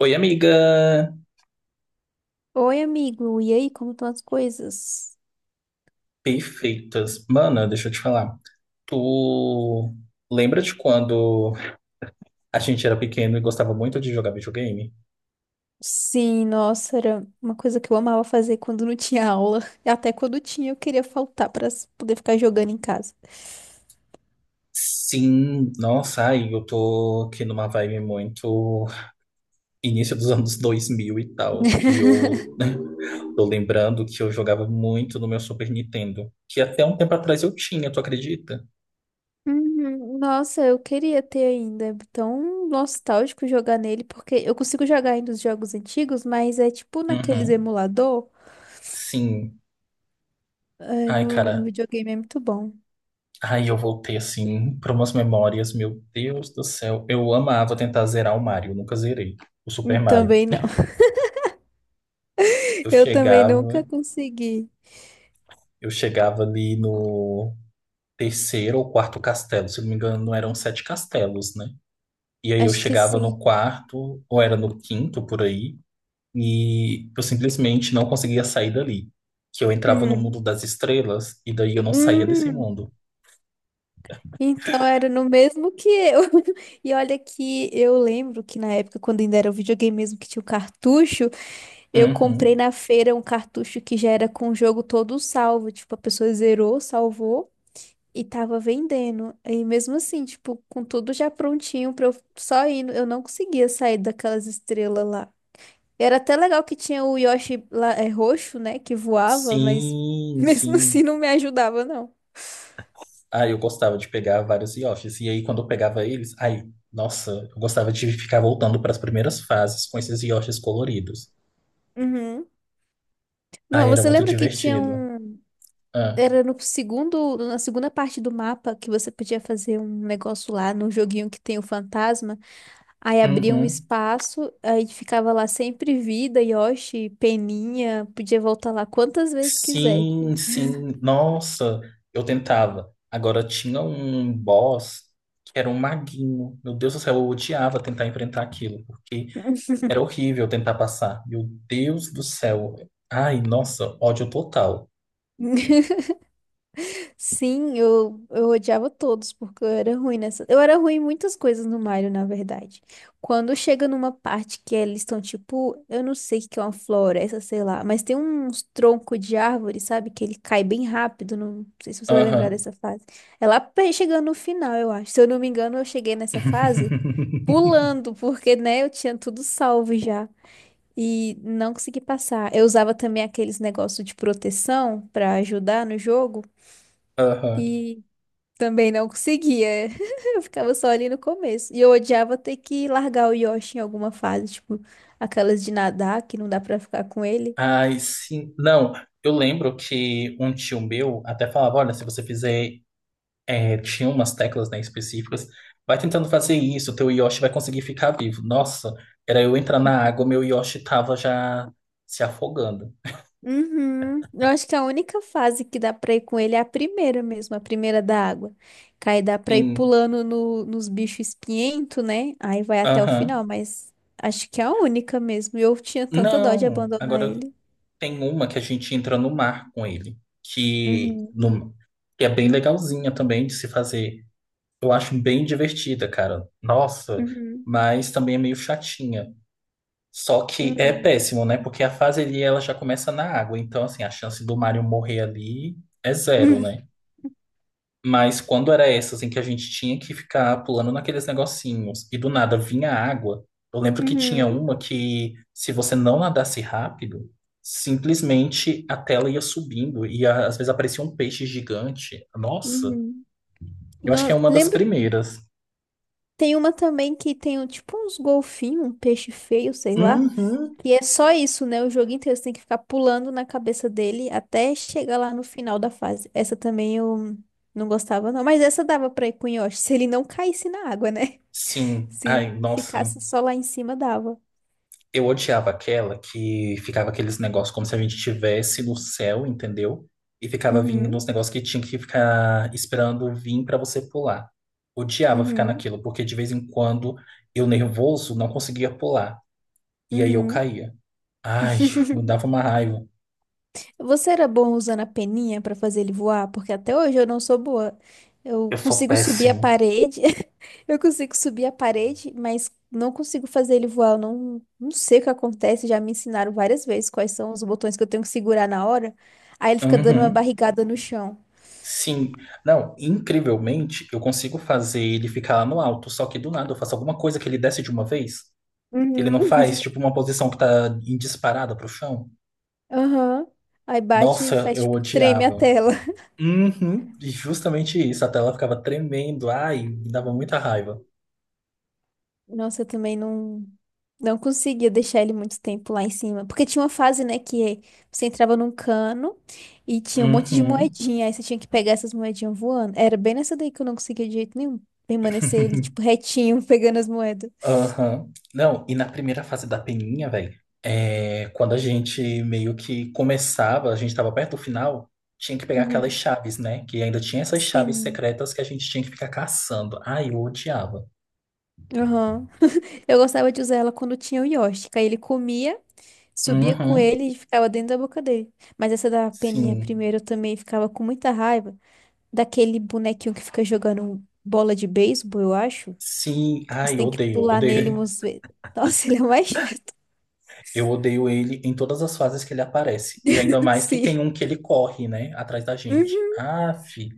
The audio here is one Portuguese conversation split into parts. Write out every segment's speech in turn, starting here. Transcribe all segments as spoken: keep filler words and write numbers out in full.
Oi, amiga! Oi, amigo. E aí, como estão as coisas? Perfeitas. Mana, deixa eu te falar. Tu lembra de quando a gente era pequeno e gostava muito de jogar videogame? Sim, nossa, era uma coisa que eu amava fazer quando não tinha aula. E até quando tinha, eu queria faltar para poder ficar jogando em casa. Sim, nossa, ai, eu tô aqui numa vibe muito início dos anos dois mil e tal. E eu tô lembrando que eu jogava muito no meu Super Nintendo, que até um tempo atrás eu tinha, tu acredita? Uhum, nossa, eu queria ter ainda. É tão nostálgico jogar nele, porque eu consigo jogar ainda os jogos antigos, mas é tipo naqueles Uhum. emulador, Sim. é, Ai, no, no cara, videogame é muito bom. aí eu voltei assim para umas memórias, meu Deus do céu. Eu amava tentar zerar o Mario, eu nunca zerei o Super Hum, Mario. Também não. Eu Eu também nunca chegava, consegui. eu chegava ali no terceiro ou quarto castelo, se não me engano, eram sete castelos, né? E aí eu Acho que chegava sim. no quarto, ou era no quinto por aí, e eu simplesmente não conseguia sair dali. Que eu entrava no Uhum. mundo das estrelas e daí eu não saía desse Hum. mundo. Então era no mesmo que eu. E olha que eu lembro que na época, quando ainda era o videogame mesmo que tinha o cartucho, eu comprei Uhum. na feira um cartucho que já era com o jogo todo salvo. Tipo, a pessoa zerou, salvou e tava vendendo. E mesmo assim, tipo, com tudo já prontinho pra eu só ir, eu não conseguia sair daquelas estrelas lá. Era até legal que tinha o Yoshi lá, é, roxo, né, que voava, mas Sim, mesmo assim sim. não me ajudava, não. Ah, eu gostava de pegar vários Yoshis. E aí, quando eu pegava eles, aí, nossa, eu gostava de ficar voltando para as primeiras fases com esses Yoshis coloridos. Uhum. Aí Não, era você muito lembra que tinha divertido. um. Ah. Era no segundo, na segunda parte do mapa que você podia fazer um negócio lá no joguinho que tem o fantasma. Aí abria um Uhum. espaço, aí ficava lá sempre vida, Yoshi, Peninha, podia voltar lá quantas vezes quiser. Sim, sim. Nossa, eu tentava. Agora tinha um boss que era um maguinho. Meu Deus do céu, eu odiava tentar enfrentar aquilo, porque era horrível tentar passar. Meu Deus do céu. Ai, nossa, ódio total. Sim, eu, eu odiava todos, porque eu era ruim nessa. Eu era ruim em muitas coisas no Mario, na verdade. Quando chega numa parte que eles estão, tipo, eu não sei o que que é uma floresta, sei lá, mas tem uns troncos de árvore, sabe? Que ele cai bem rápido. Não sei se você vai lembrar Aham. dessa fase. É lá pe- chegando no final, eu acho. Se eu não me engano, eu cheguei nessa fase pulando, porque, né, eu tinha tudo salvo já. E não consegui passar. Eu usava também aqueles negócios de proteção pra ajudar no jogo. Aham. E também não conseguia. Eu ficava só ali no começo. E eu odiava ter que largar o Yoshi em alguma fase, tipo, aquelas de nadar que não dá pra ficar com ele. Ai, sim. Não, eu lembro que um tio meu até falava: olha, se você fizer. É, tinha umas teclas, né, específicas, vai tentando fazer isso, teu Yoshi vai conseguir ficar vivo. Nossa, era eu entrar na água, meu Yoshi tava já se afogando. Uhum. Eu acho que a única fase que dá pra ir com ele é a primeira mesmo, a primeira da água. Que aí dá pra ir Sim. pulando no- nos bichos espinhentos, né? Aí vai até o final, Aham. mas acho que é a única mesmo. E eu tinha tanta dó de Não, abandonar agora ele. tem uma que a gente entra no mar com ele, que, Uhum. no, que é bem legalzinha também de se fazer. Eu acho bem divertida, cara. Nossa, Uhum. mas também é meio chatinha. Só que é Uhum. péssimo, né? Porque a fase ali ela já começa na água, então assim, a chance do Mario morrer ali é zero, né? Mas quando era essa, assim, que a gente tinha que ficar pulando naqueles negocinhos e do nada vinha água, eu lembro que Uhum. tinha Uhum. uma que se você não nadasse rápido, simplesmente a tela ia subindo e a- às vezes aparecia um peixe gigante. Nossa, Uhum. eu acho Não, que é uma das primeiras. tem uma também que tem um- tipo uns golfinhos, um peixe feio, sei lá. Uhum, E é só isso, né? O jogo inteiro você tem que ficar pulando na cabeça dele até chegar lá no final da fase. Essa também eu não gostava, não. Mas essa dava pra ir com o Yoshi, se ele não caísse na água, né? sim. Ai, Se nossa. ficasse só lá em cima, dava. Eu odiava aquela que ficava aqueles negócios como se a gente estivesse no céu, entendeu? E ficava vindo Uhum, uns negócios que tinha que ficar esperando vir pra você pular. Odiava ficar uhum, naquilo, porque de vez em quando eu nervoso não conseguia pular. E aí eu uhum. caía. Ai, me dava uma raiva. Você era bom usando a peninha pra fazer ele voar? Porque até hoje eu não sou boa. Eu Eu sou consigo subir a péssimo. parede, eu consigo subir a parede, mas não consigo fazer ele voar. Eu não, não sei o que acontece. Já me ensinaram várias vezes quais são os botões que eu tenho que segurar na hora. Aí ele fica dando uma Uhum. barrigada no chão. Sim. Não, incrivelmente, eu consigo fazer ele ficar lá no alto, só que do nada eu faço alguma coisa que ele desce de uma vez, que ele Uhum. não faz, tipo uma posição que tá em disparada pro chão. Aham. Aí bate e Nossa, faz eu tipo, treme a odiava. tela. Uhum. E justamente isso, a tela ficava tremendo, ai, me dava muita raiva. Nossa, eu também não, não conseguia deixar ele muito tempo lá em cima. Porque tinha uma fase, né, que você entrava num cano e tinha um monte de Uhum. moedinha. Aí você tinha que pegar essas moedinhas voando. Era bem nessa daí que eu não conseguia de jeito nenhum permanecer ele, tipo, retinho, pegando as moedas. Aham. Não, e na primeira fase da peninha, velho, é, quando a gente meio que começava, a gente tava perto do final, tinha que pegar aquelas Uhum. chaves, né? Que ainda tinha essas chaves Sim. secretas que a gente tinha que ficar caçando. Ai, eu odiava. Aham. Eu gostava de usar ela quando tinha o Yoshi. Que Aí ele comia, subia com Uhum. ele e ficava dentro da boca dele. Mas essa da peninha Sim, primeiro eu também ficava com muita raiva. Daquele bonequinho que fica jogando bola de beisebol, eu acho. sim, Você ai, eu tem que odeio, pular nele odeio. umas vezes. Nossa, ele é o mais chato, Eu odeio ele em todas as fases que ele aparece. E ainda mais que tem sim. um que ele corre, né? Atrás da gente. Uhum, Aff,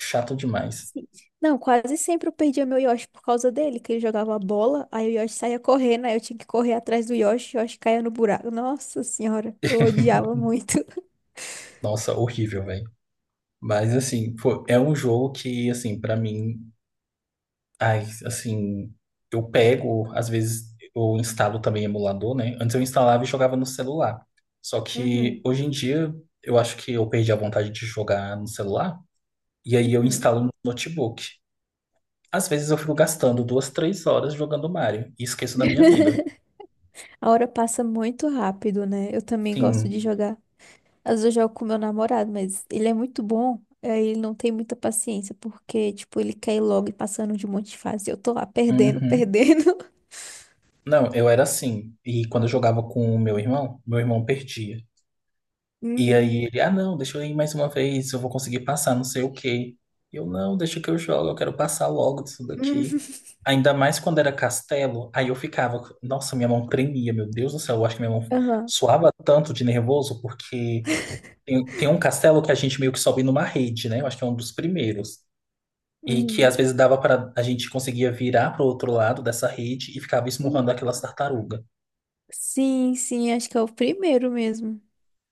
chato demais. sim. Não, quase sempre eu perdia meu Yoshi por causa dele, que ele jogava a bola, aí o Yoshi saía correndo, aí eu tinha que correr atrás do Yoshi, o Yoshi caía no buraco. Nossa senhora, eu odiava muito. Nossa, horrível, velho. Mas, assim, pô, é um jogo que, assim, pra mim... Ai, assim... Eu pego, às vezes, eu instalo também emulador, né? Antes eu instalava e jogava no celular. Só que, Uhum, hoje em dia, eu acho que eu perdi a vontade de jogar no celular. E aí eu uhum. instalo no notebook. Às vezes eu fico gastando duas, três horas jogando Mario. E esqueço da minha vida. A hora passa muito rápido, né? Eu também gosto Sim. de jogar. Às vezes eu jogo com meu namorado, mas ele é muito bom. Aí ele não tem muita paciência, porque, tipo, ele quer ir logo e passando de um monte de fase. Eu tô lá perdendo, Uhum. perdendo. Não, eu era assim. E quando eu jogava com o meu irmão, meu irmão perdia. E Uhum. aí ele, ah, não, deixa eu ir mais uma vez, eu vou conseguir passar, não sei o quê. E eu, não, deixa que eu jogo, eu quero passar logo disso daqui. Uhum. Ainda mais quando era castelo, aí eu ficava, nossa, minha mão tremia, meu Deus do céu, eu acho que minha mão Aham. suava tanto de nervoso, porque tem, tem um castelo que a gente meio que sobe numa rede, né? Eu acho que é um dos primeiros. E que às Uhum. vezes dava para a gente conseguia virar para o outro lado dessa rede e ficava Uhum. esmurrando aquelas tartarugas. Sim, sim, acho que é o primeiro mesmo.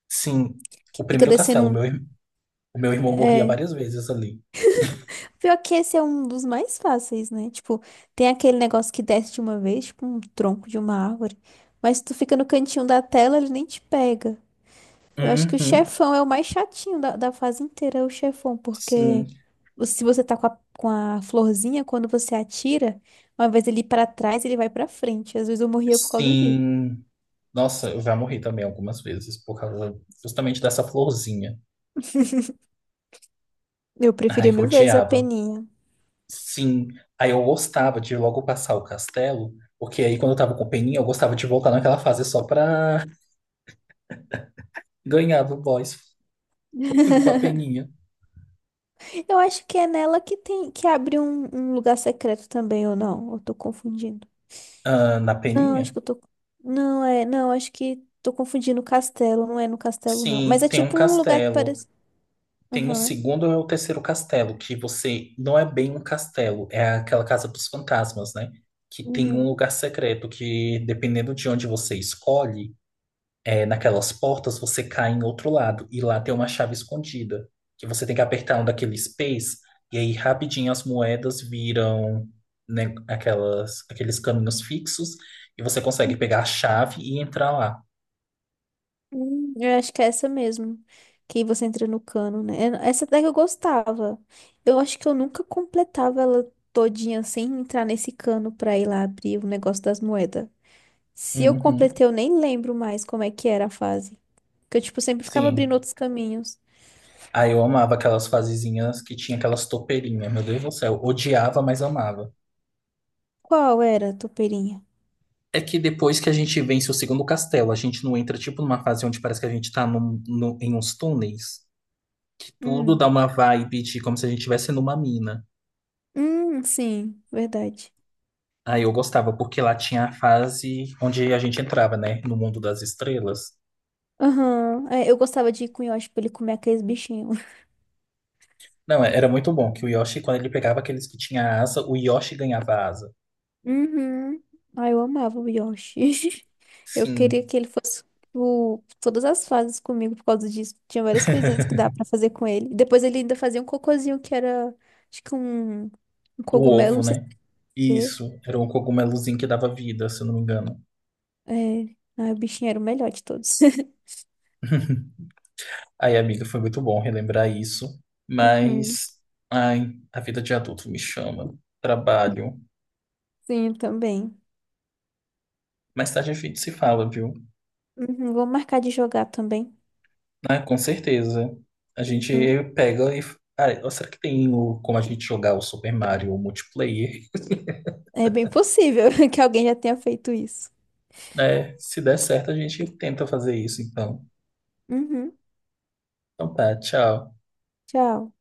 Sim, Que o fica primeiro descendo castelo, um. meu, ir- o meu irmão morria É. várias vezes ali. Pior que esse é um dos mais fáceis, né? Tipo, tem aquele negócio que desce de uma vez, tipo um tronco de uma árvore. Mas tu fica no cantinho da tela, ele nem te pega. Eu acho que o Uhum, chefão é o mais chatinho da, da fase inteira, é o chefão, porque sim, se você tá com a, com a florzinha, quando você atira, uma vez ele ir pra trás, ele vai pra frente. Às vezes eu morria por causa disso. sim. Nossa, eu já morri também algumas vezes por causa justamente dessa florzinha. Eu Ai, preferia eu mil vezes a odiava. peninha. Sim, aí eu gostava de logo passar o castelo, porque aí quando eu tava com peninha, eu gostava de voltar naquela fase só pra ganhar do boss, indo com a peninha. Eu acho que é nela que tem que abre um, um lugar secreto também, ou não? Eu tô confundindo. Ah, na Não, peninha? acho que eu tô. Não, é. Não, acho que tô confundindo o castelo. Não é no castelo, não. Mas Sim, é tem um tipo um lugar que castelo. parece. Tem o Aham. segundo e o terceiro castelo, que você não é bem um castelo, é aquela casa dos fantasmas, né? Que tem um Uhum. lugar secreto que, dependendo de onde você escolhe, é, naquelas portas você cai em outro lado. E lá tem uma chave escondida, que você tem que apertar um daqueles pés, e aí rapidinho as moedas viram, né, aquelas, aqueles caminhos fixos, e você consegue pegar a chave e entrar lá. Hum, eu acho que é essa mesmo. Que você entra no cano, né? Era- Essa até que eu gostava. Eu acho que eu nunca completava ela todinha sem entrar nesse cano pra ir lá abrir o negócio das moedas. Se eu Uhum, completei, eu nem lembro mais como é que era a fase. Porque eu, tipo, sempre ficava abrindo sim. outros caminhos. Ah, eu amava aquelas fasezinhas que tinha aquelas topeirinhas, meu Deus do céu. Odiava, mas amava. Qual era a topeirinha? É que depois que a gente vence o segundo castelo, a gente não entra tipo numa fase onde parece que a gente tá num, num- em uns túneis, que tudo dá Hum. uma vibe de como se a gente estivesse numa mina. Hum, sim, verdade. Aí eu gostava, porque lá tinha a fase onde a gente entrava, né, no mundo das estrelas. Aham. É, eu gostava de ir com o Yoshi pra ele comer aqueles bichinhos. Não, é, era muito bom que o Yoshi, quando ele pegava aqueles que tinha asa, o Yoshi ganhava asa. Uhum. Ai, eu amava o Yoshi. Eu queria Sim, que ele fosse o... todas as fases comigo por causa disso. Tinha várias coisinhas que dá pra fazer com ele. E Depois ele ainda fazia um cocôzinho que era, acho que um, um o cogumelo, ovo, não sei né? se Isso, era um cogumelozinho que dava vida, se eu não me engano. é. É. Ai, o bichinho era o melhor de todos. Aí amiga, foi muito bom relembrar isso, Uhum. mas ai, a vida de adulto me chama. Trabalho. Sim, também. Mais tarde a gente se fala, viu? Uhum. Vou marcar de jogar também. Ah, com certeza. A gente Uhum. pega e. Ah, será que tem o- como a gente jogar o Super Mario multiplayer? É bem possível que alguém já tenha feito isso. Né? Se der certo, a gente tenta fazer isso, então. Uhum. Então tá, tchau. Tchau.